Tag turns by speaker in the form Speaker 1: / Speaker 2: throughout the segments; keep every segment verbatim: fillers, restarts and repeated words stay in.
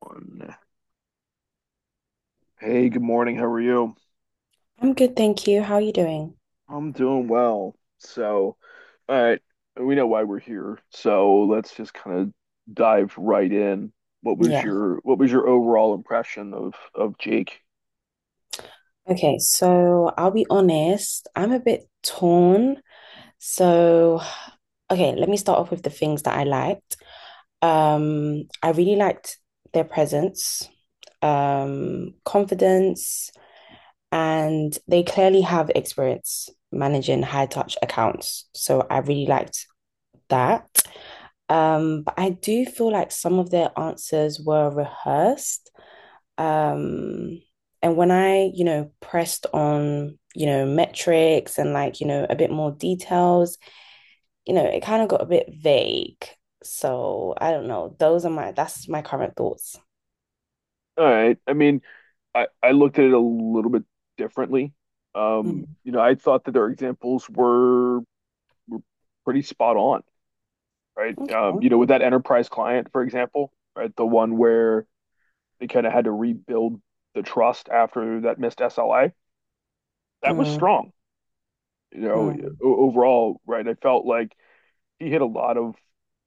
Speaker 1: One. Hey, good morning. How are you?
Speaker 2: I'm good, thank you. How are you doing?
Speaker 1: I'm doing well. So, all right, we know why we're here, so let's just kind of dive right in. What was
Speaker 2: Yeah.
Speaker 1: your what was your overall impression of of Jake?
Speaker 2: Okay, so I'll be honest, I'm a bit torn. So, okay, let me start off with the things that I liked. Um, I really liked their presence, um, confidence, and they clearly have experience managing high touch accounts. So I really liked that. Um, but I do feel like some of their answers were rehearsed. Um, and when I, you know, pressed on, you know, metrics and like, you know, a bit more details, you know, it kind of got a bit vague. So I don't know. Those are my, that's my current thoughts.
Speaker 1: All right. I mean, I I looked at it a little bit differently. Um,
Speaker 2: Mm,
Speaker 1: you know, I thought that their examples were were pretty spot on, right?
Speaker 2: okay.
Speaker 1: Um, you know, with that enterprise client, for example, right? The one where they kind of had to rebuild the trust after that missed S L A. That was
Speaker 2: Mm,
Speaker 1: strong, you know.
Speaker 2: mm,
Speaker 1: Overall, right? I felt like he hit a lot of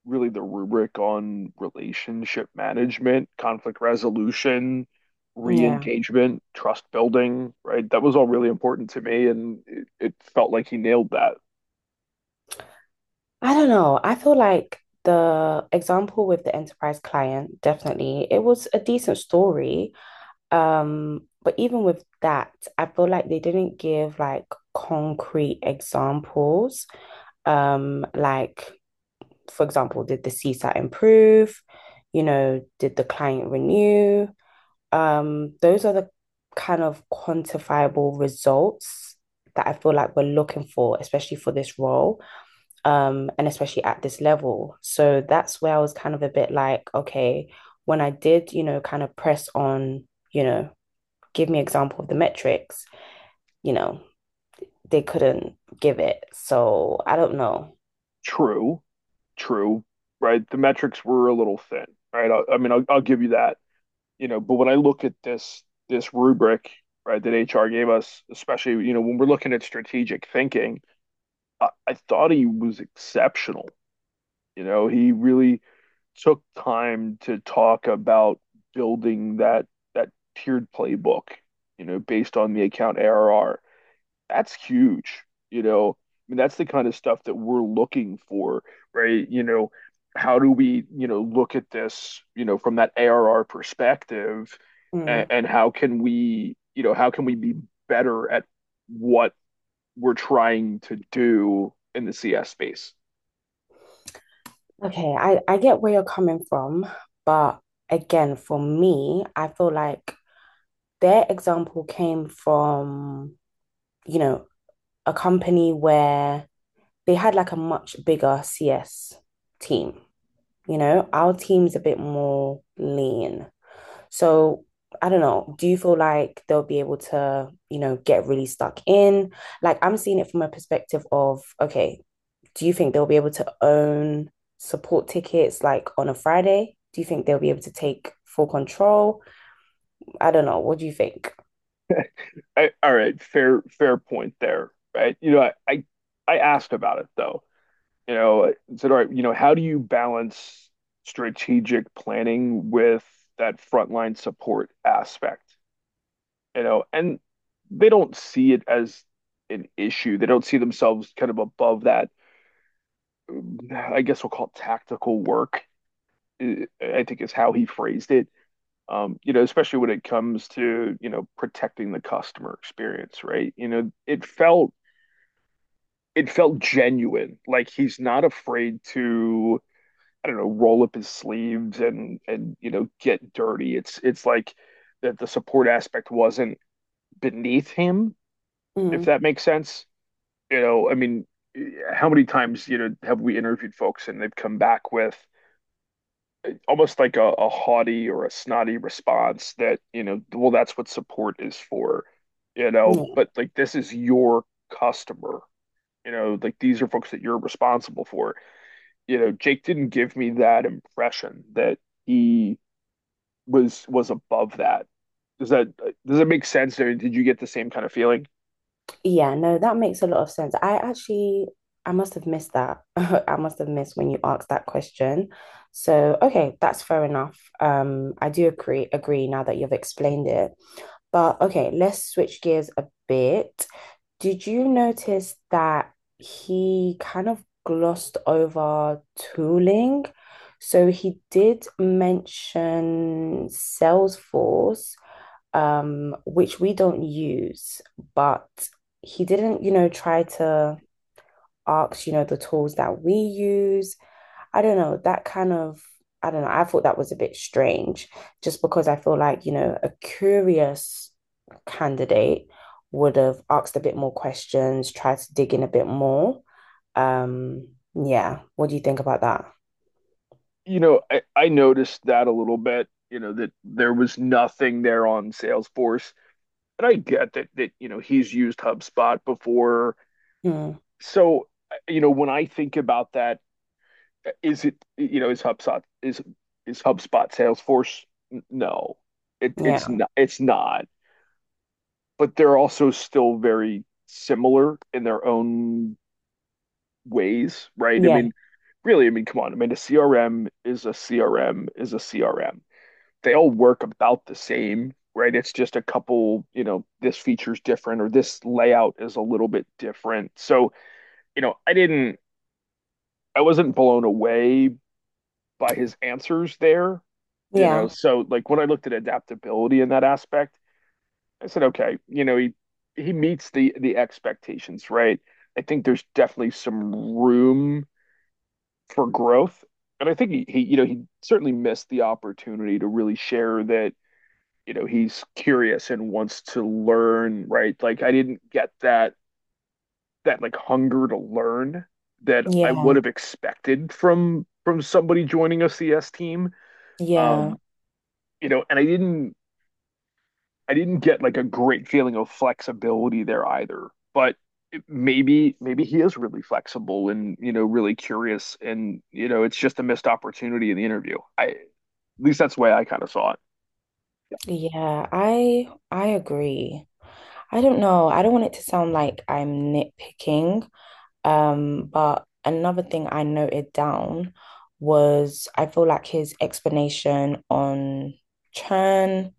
Speaker 1: really the rubric on relationship management, conflict resolution,
Speaker 2: yeah.
Speaker 1: re-engagement, trust building, right? That was all really important to me, and it, it felt like he nailed that.
Speaker 2: I don't know. I feel like the example with the enterprise client, definitely, it was a decent story. Um, but even with that, I feel like they didn't give like concrete examples. Um, like, for example, did the CSAT improve? You know, did the client renew? Um, those are the kind of quantifiable results that I feel like we're looking for, especially for this role, um, and especially at this level. So that's where I was kind of a bit like, okay, when I did, you know, kind of press on, you know, give me an example of the metrics, you know, they couldn't give it. So I don't know.
Speaker 1: True, true, right? The metrics were a little thin, right? I, I mean, I'll, I'll give you that. You know, but when I look at this this rubric, right, that H R gave us, especially, you know, when we're looking at strategic thinking, I, I thought he was exceptional. You know, he really took time to talk about building that that tiered playbook, you know, based on the account A R R. That's huge. You know, I mean, that's the kind of stuff that we're looking for, right? You know, how do we, you know, look at this, you know, from that A R R perspective, and,
Speaker 2: Mm.
Speaker 1: and how can we, you know, how can we be better at what we're trying to do in the C S space?
Speaker 2: Okay, I, I get where you're coming from, but again, for me, I feel like their example came from, you know, a company where they had like a much bigger C S team. You know, our team's a bit more lean. So I don't know, do you feel like they'll be able to, you know, get really stuck in? Like I'm seeing it from a perspective of, okay, do you think they'll be able to own support tickets like on a Friday? Do you think they'll be able to take full control? I don't know. What do you think?
Speaker 1: I, all right, fair fair point there, right? You know, I, I I asked about it, though. You know, I said, all right, you know, how do you balance strategic planning with that frontline support aspect? You know, and they don't see it as an issue. They don't see themselves kind of above that. I guess we'll call it tactical work. eh, I think is how he phrased it. Um, you know, especially when it comes to, you know, protecting the customer experience, right? You know, it felt it felt genuine. Like he's not afraid to, I don't know, roll up his sleeves and and you know get dirty. It's it's like that the support aspect wasn't beneath him, if
Speaker 2: Mm.
Speaker 1: that makes sense. You know, I mean, eh, how many times you know have we interviewed folks and they've come back with almost like a, a haughty or a snotty response that, you know, well, that's what support is for, you know.
Speaker 2: Mm.
Speaker 1: But like this is your customer, you know, like these are folks that you're responsible for. You know, Jake didn't give me that impression that he was was above that. Does that, does it make sense? Or did you get the same kind of feeling?
Speaker 2: Yeah, no, that makes a lot of sense. I actually, I must have missed that. I must have missed when you asked that question. So, okay, that's fair enough. Um, I do agree, agree now that you've explained it. But okay, let's switch gears a bit. Did you notice that he kind of glossed over tooling? So he did mention Salesforce, um, which we don't use, but he didn't, you know, try to ask, you know, the tools that we use. I don't know. that kind of, I don't know, I thought that was a bit strange just because I feel like, you know, a curious candidate would have asked a bit more questions, tried to dig in a bit more. Um, yeah, what do you think about that?
Speaker 1: You know, I, I noticed that a little bit. You know that there was nothing there on Salesforce, and I get that that you know he's used HubSpot before.
Speaker 2: Mm,
Speaker 1: So you know when I think about that, is it, you know, is HubSpot is is HubSpot Salesforce? No, it it's
Speaker 2: yeah,
Speaker 1: not. It's not. But they're also still very similar in their own ways, right? I
Speaker 2: yeah,
Speaker 1: mean, really, I mean, come on. I mean, a C R M is a C R M is a C R M. They all work about the same, right? It's just a couple, you know, this feature's different or this layout is a little bit different. So, you know, I didn't, I wasn't blown away by his answers there, you know.
Speaker 2: yeah,
Speaker 1: So, like when I looked at adaptability in that aspect, I said, okay, you know, he he meets the the expectations, right? I think there's definitely some room for growth. And I think he, he, you know, he certainly missed the opportunity to really share that, you know, he's curious and wants to learn, right? Like I didn't get that that like hunger to learn that I would
Speaker 2: yeah,
Speaker 1: have expected from from somebody joining a C S team.
Speaker 2: yeah,
Speaker 1: Um, you know, and I didn't I didn't get like a great feeling of flexibility there either. But maybe maybe he is really flexible and you know really curious and you know it's just a missed opportunity in the interview. I, at least that's the way I kind of saw it. Yeah.
Speaker 2: yeah. I I agree. I don't know. I don't want it to sound like I'm nitpicking, Um, but another thing I noted down was I feel like his explanation on churn,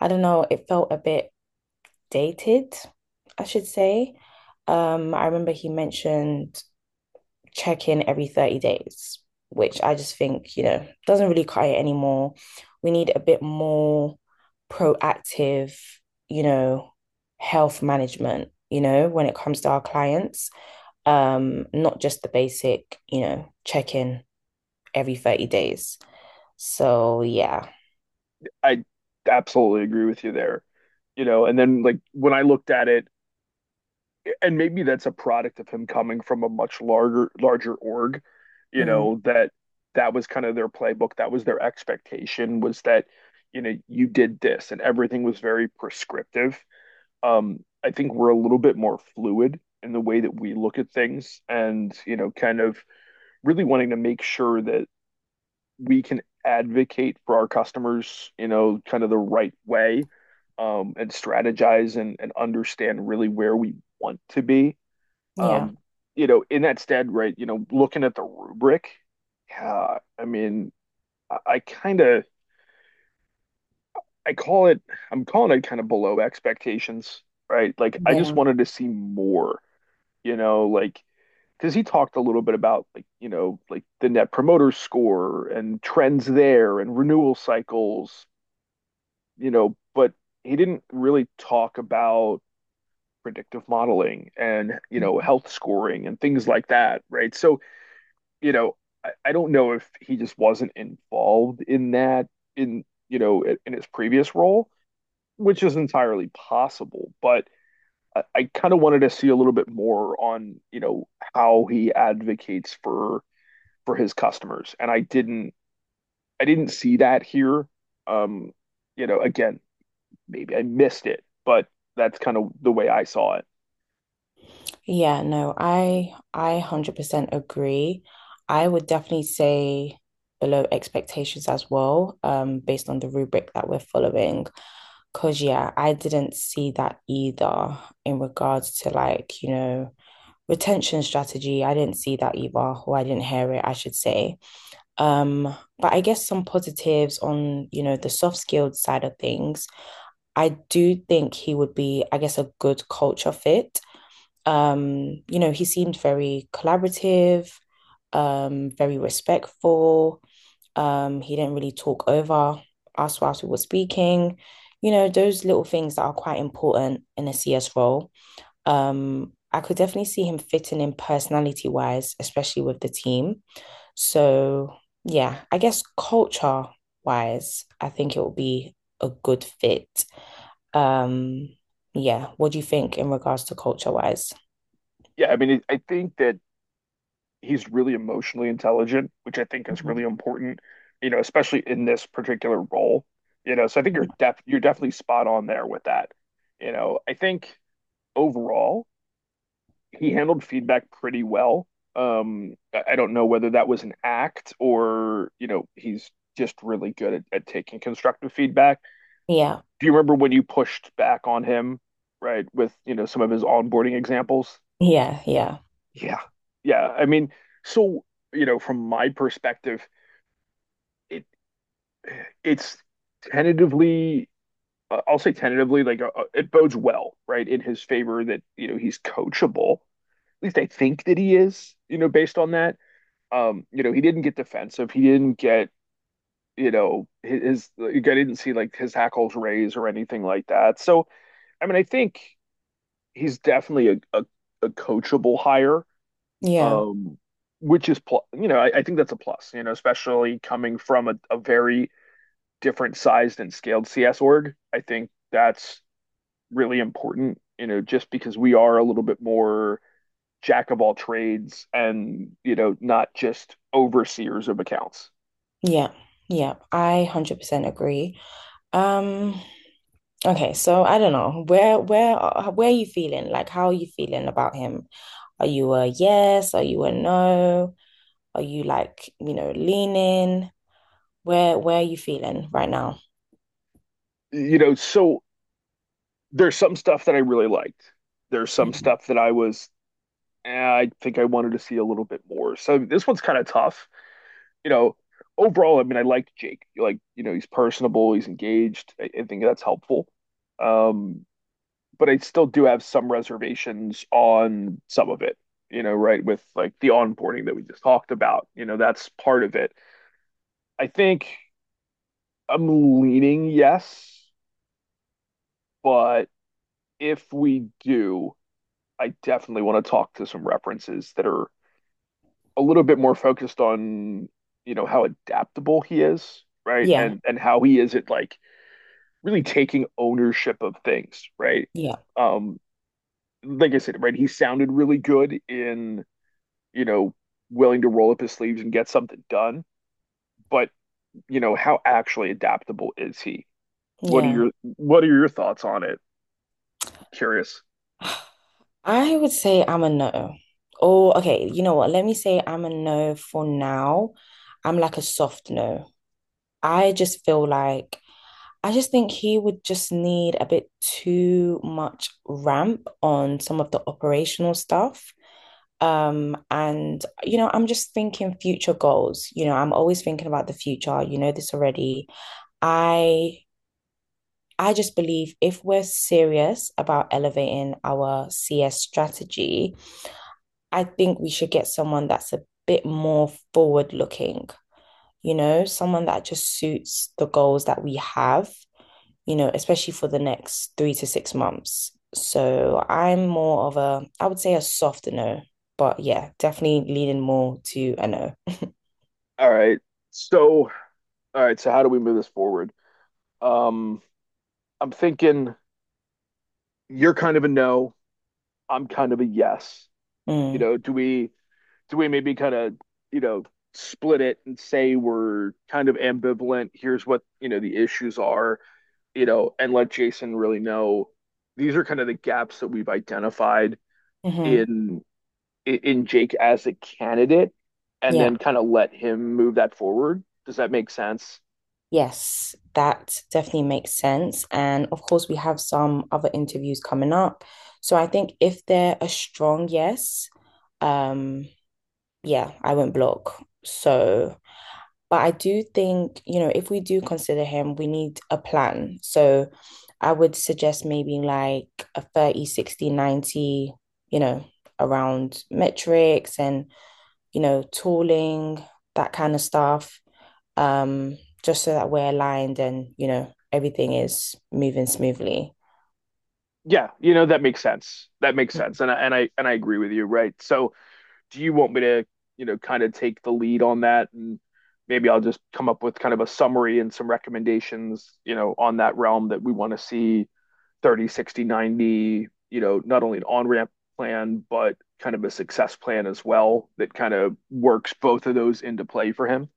Speaker 2: I don't know, it felt a bit dated, I should say. Um, I remember he mentioned check in every thirty days, which I just think, you know, doesn't really cut it anymore. We need a bit more proactive, you know, health management, you know, when it comes to our clients um, not just the basic, you know, check in every thirty days. So yeah.
Speaker 1: I absolutely agree with you there. You know, and then like when I looked at it, and maybe that's a product of him coming from a much larger larger org, you
Speaker 2: Mm,
Speaker 1: know, that that was kind of their playbook, that was their expectation was that, you know, you did this and everything was very prescriptive. Um, I think we're a little bit more fluid in the way that we look at things and, you know, kind of really wanting to make sure that we can advocate for our customers, you know, kind of the right way, um, and strategize and, and understand really where we want to be.
Speaker 2: yeah.
Speaker 1: Um, you know, in that stead, right, you know, looking at the rubric, yeah, I mean, I, I kind of, I call it, I'm calling it kind of below expectations, right? Like, I just
Speaker 2: Yeah.
Speaker 1: wanted to see more, you know, like, because he talked a little bit about like you know like the net promoter score and trends there and renewal cycles, you know, but he didn't really talk about predictive modeling and, you know, health scoring and things like that, right? So, you know, I, I don't know if he just wasn't involved in that in, you know, in, his previous role, which is entirely possible, but I, I kind of wanted to see a little bit more on, you know, how he advocates for for his customers. And I didn't I didn't see that here. Um, you know, again, maybe I missed it, but that's kind of the way I saw it.
Speaker 2: Yeah, no, I I one hundred percent agree. I would definitely say below expectations as well, um, based on the rubric that we're following. Because, yeah, I didn't see that either in regards to like, you know, retention strategy. I didn't see that either, or I didn't hear it, I should say. Um, but I guess some positives on, you know, the soft skilled side of things. I do think he would be, I guess, a good culture fit. Um, you know, he seemed very collaborative, um, very respectful. Um, he didn't really talk over us whilst we were speaking. You know, those little things that are quite important in a C S role. Um, I could definitely see him fitting in personality wise, especially with the team. So, yeah, I guess culture wise, I think it will be a good fit. Um, yeah, what do you think in regards to culture wise?
Speaker 1: Yeah, I mean, I think that he's really emotionally intelligent, which I think is really
Speaker 2: Mhm.
Speaker 1: important, you know, especially in this particular role, you know. So I think you're def you're definitely spot on there with that. You know, I think overall he handled feedback pretty well. Um, I I don't know whether that was an act or, you know, he's just really good at, at taking constructive feedback.
Speaker 2: Yeah,
Speaker 1: Do you remember when you pushed back on him, right, with, you know, some of his onboarding examples?
Speaker 2: yeah, yeah,
Speaker 1: Yeah. Yeah. I mean, so, you know, from my perspective, it it's tentatively, uh, I'll say tentatively, like uh, uh, it bodes well, right, in his favor that, you know, he's coachable. At least I think that he is, you know, based on that. Um, you know, he didn't get defensive. He didn't get, you know, his, his like, I didn't see like his hackles raise or anything like that. So, I mean, I think he's definitely a, a, a coachable hire,
Speaker 2: yeah,
Speaker 1: um, which is, pl- you know, I, I think that's a plus, you know, especially coming from a, a very different sized and scaled C S org. I think that's really important, you know, just because we are a little bit more jack of all trades and, you know, not just overseers of accounts.
Speaker 2: yeah, yeah. I one hundred percent agree. Um, Okay, so I don't know. Where where are- where are you feeling? Like how are you feeling about him? Are you a yes? Are you a no? Are you like, you know, leaning? Where where are you feeling right now?
Speaker 1: You know, so there's some stuff that I really liked. There's some
Speaker 2: Mhm.
Speaker 1: stuff that I was, eh, I think I wanted to see a little bit more. So this one's kind of tough, you know. Overall, I mean, I liked Jake. Like, you know, he's personable, he's engaged. I, I think that's helpful. Um, but I still do have some reservations on some of it, you know, right? With like the onboarding that we just talked about, you know, that's part of it. I think I'm leaning yes, but if we do, I definitely want to talk to some references that are a little bit more focused on, you know, how adaptable he is, right?
Speaker 2: Yeah,
Speaker 1: And and how he isn't like really taking ownership of things, right?
Speaker 2: yeah,
Speaker 1: Um, like I said, right, he sounded really good in, you know, willing to roll up his sleeves and get something done, but you know, how actually adaptable is he? What are
Speaker 2: yeah.
Speaker 1: your what are your thoughts on it? Curious.
Speaker 2: I would say I'm a no. Oh, okay, you know what? Let me say I'm a no for now. I'm like a soft no. I just feel like I just think he would just need a bit too much ramp on some of the operational stuff. Um, and, you know, I'm just thinking future goals. You know, I'm always thinking about the future. You know this already. I I just believe if we're serious about elevating our C S strategy, I think we should get someone that's a bit more forward looking, you know, someone that just suits the goals that we have you know, especially for the next three to six months. So I'm more of a, I would say a soft no, but yeah, definitely leaning more to a no.
Speaker 1: All right. So, all right, so how do we move this forward? Um, I'm thinking you're kind of a no, I'm kind of a yes. You
Speaker 2: Mm.
Speaker 1: know, do we do we maybe kind of, you know, split it and say we're kind of ambivalent. Here's what, you know, the issues are, you know, and let Jason really know these are kind of the gaps that we've identified
Speaker 2: Hmm.
Speaker 1: in in Jake as a candidate, and then
Speaker 2: Yeah.
Speaker 1: kind of let him move that forward. Does that make sense?
Speaker 2: Yes, that definitely makes sense. And of course, we have some other interviews coming up. So I think if they're a strong yes, um, yeah, I won't block. So But I do think, you know, if we do consider him, we need a plan. So I would suggest maybe like a thirty, sixty, ninety, you know, around metrics and, you know, tooling, that kind of stuff. Um, just so that we're aligned and, you know, everything is moving smoothly.
Speaker 1: Yeah, you know, that makes sense, that makes sense. And I, and i and i agree with you, right? So do you want me to, you know, kind of take the lead on that? And maybe I'll just come up with kind of a summary and some recommendations, you know, on that realm that we want to see thirty, sixty, ninety, you know, not only an on ramp plan, but kind of a success plan as well that kind of works both of those into play for him.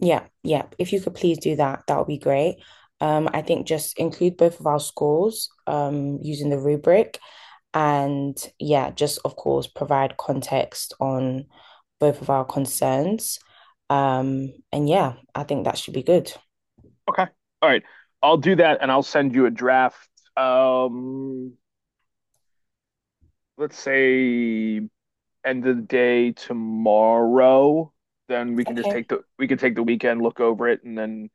Speaker 2: Yeah, yeah. If you could please do that, that would be great. Um, I think just include both of our scores um, using the rubric and yeah, just of course provide context on both of our concerns. Um, and yeah, I think that should be good.
Speaker 1: Okay. All right. I'll do that and I'll send you a draft. Um, let's say end of the day tomorrow, then we can just
Speaker 2: Okay.
Speaker 1: take the we can take the weekend, look over it, and then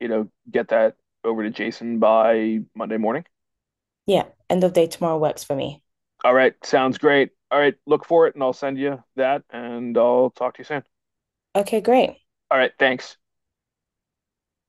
Speaker 1: you know get that over to Jason by Monday morning.
Speaker 2: Yeah, end of day tomorrow works for me.
Speaker 1: All right, sounds great. All right, look for it, and I'll send you that, and I'll talk to you soon.
Speaker 2: Okay, great.
Speaker 1: All right, thanks.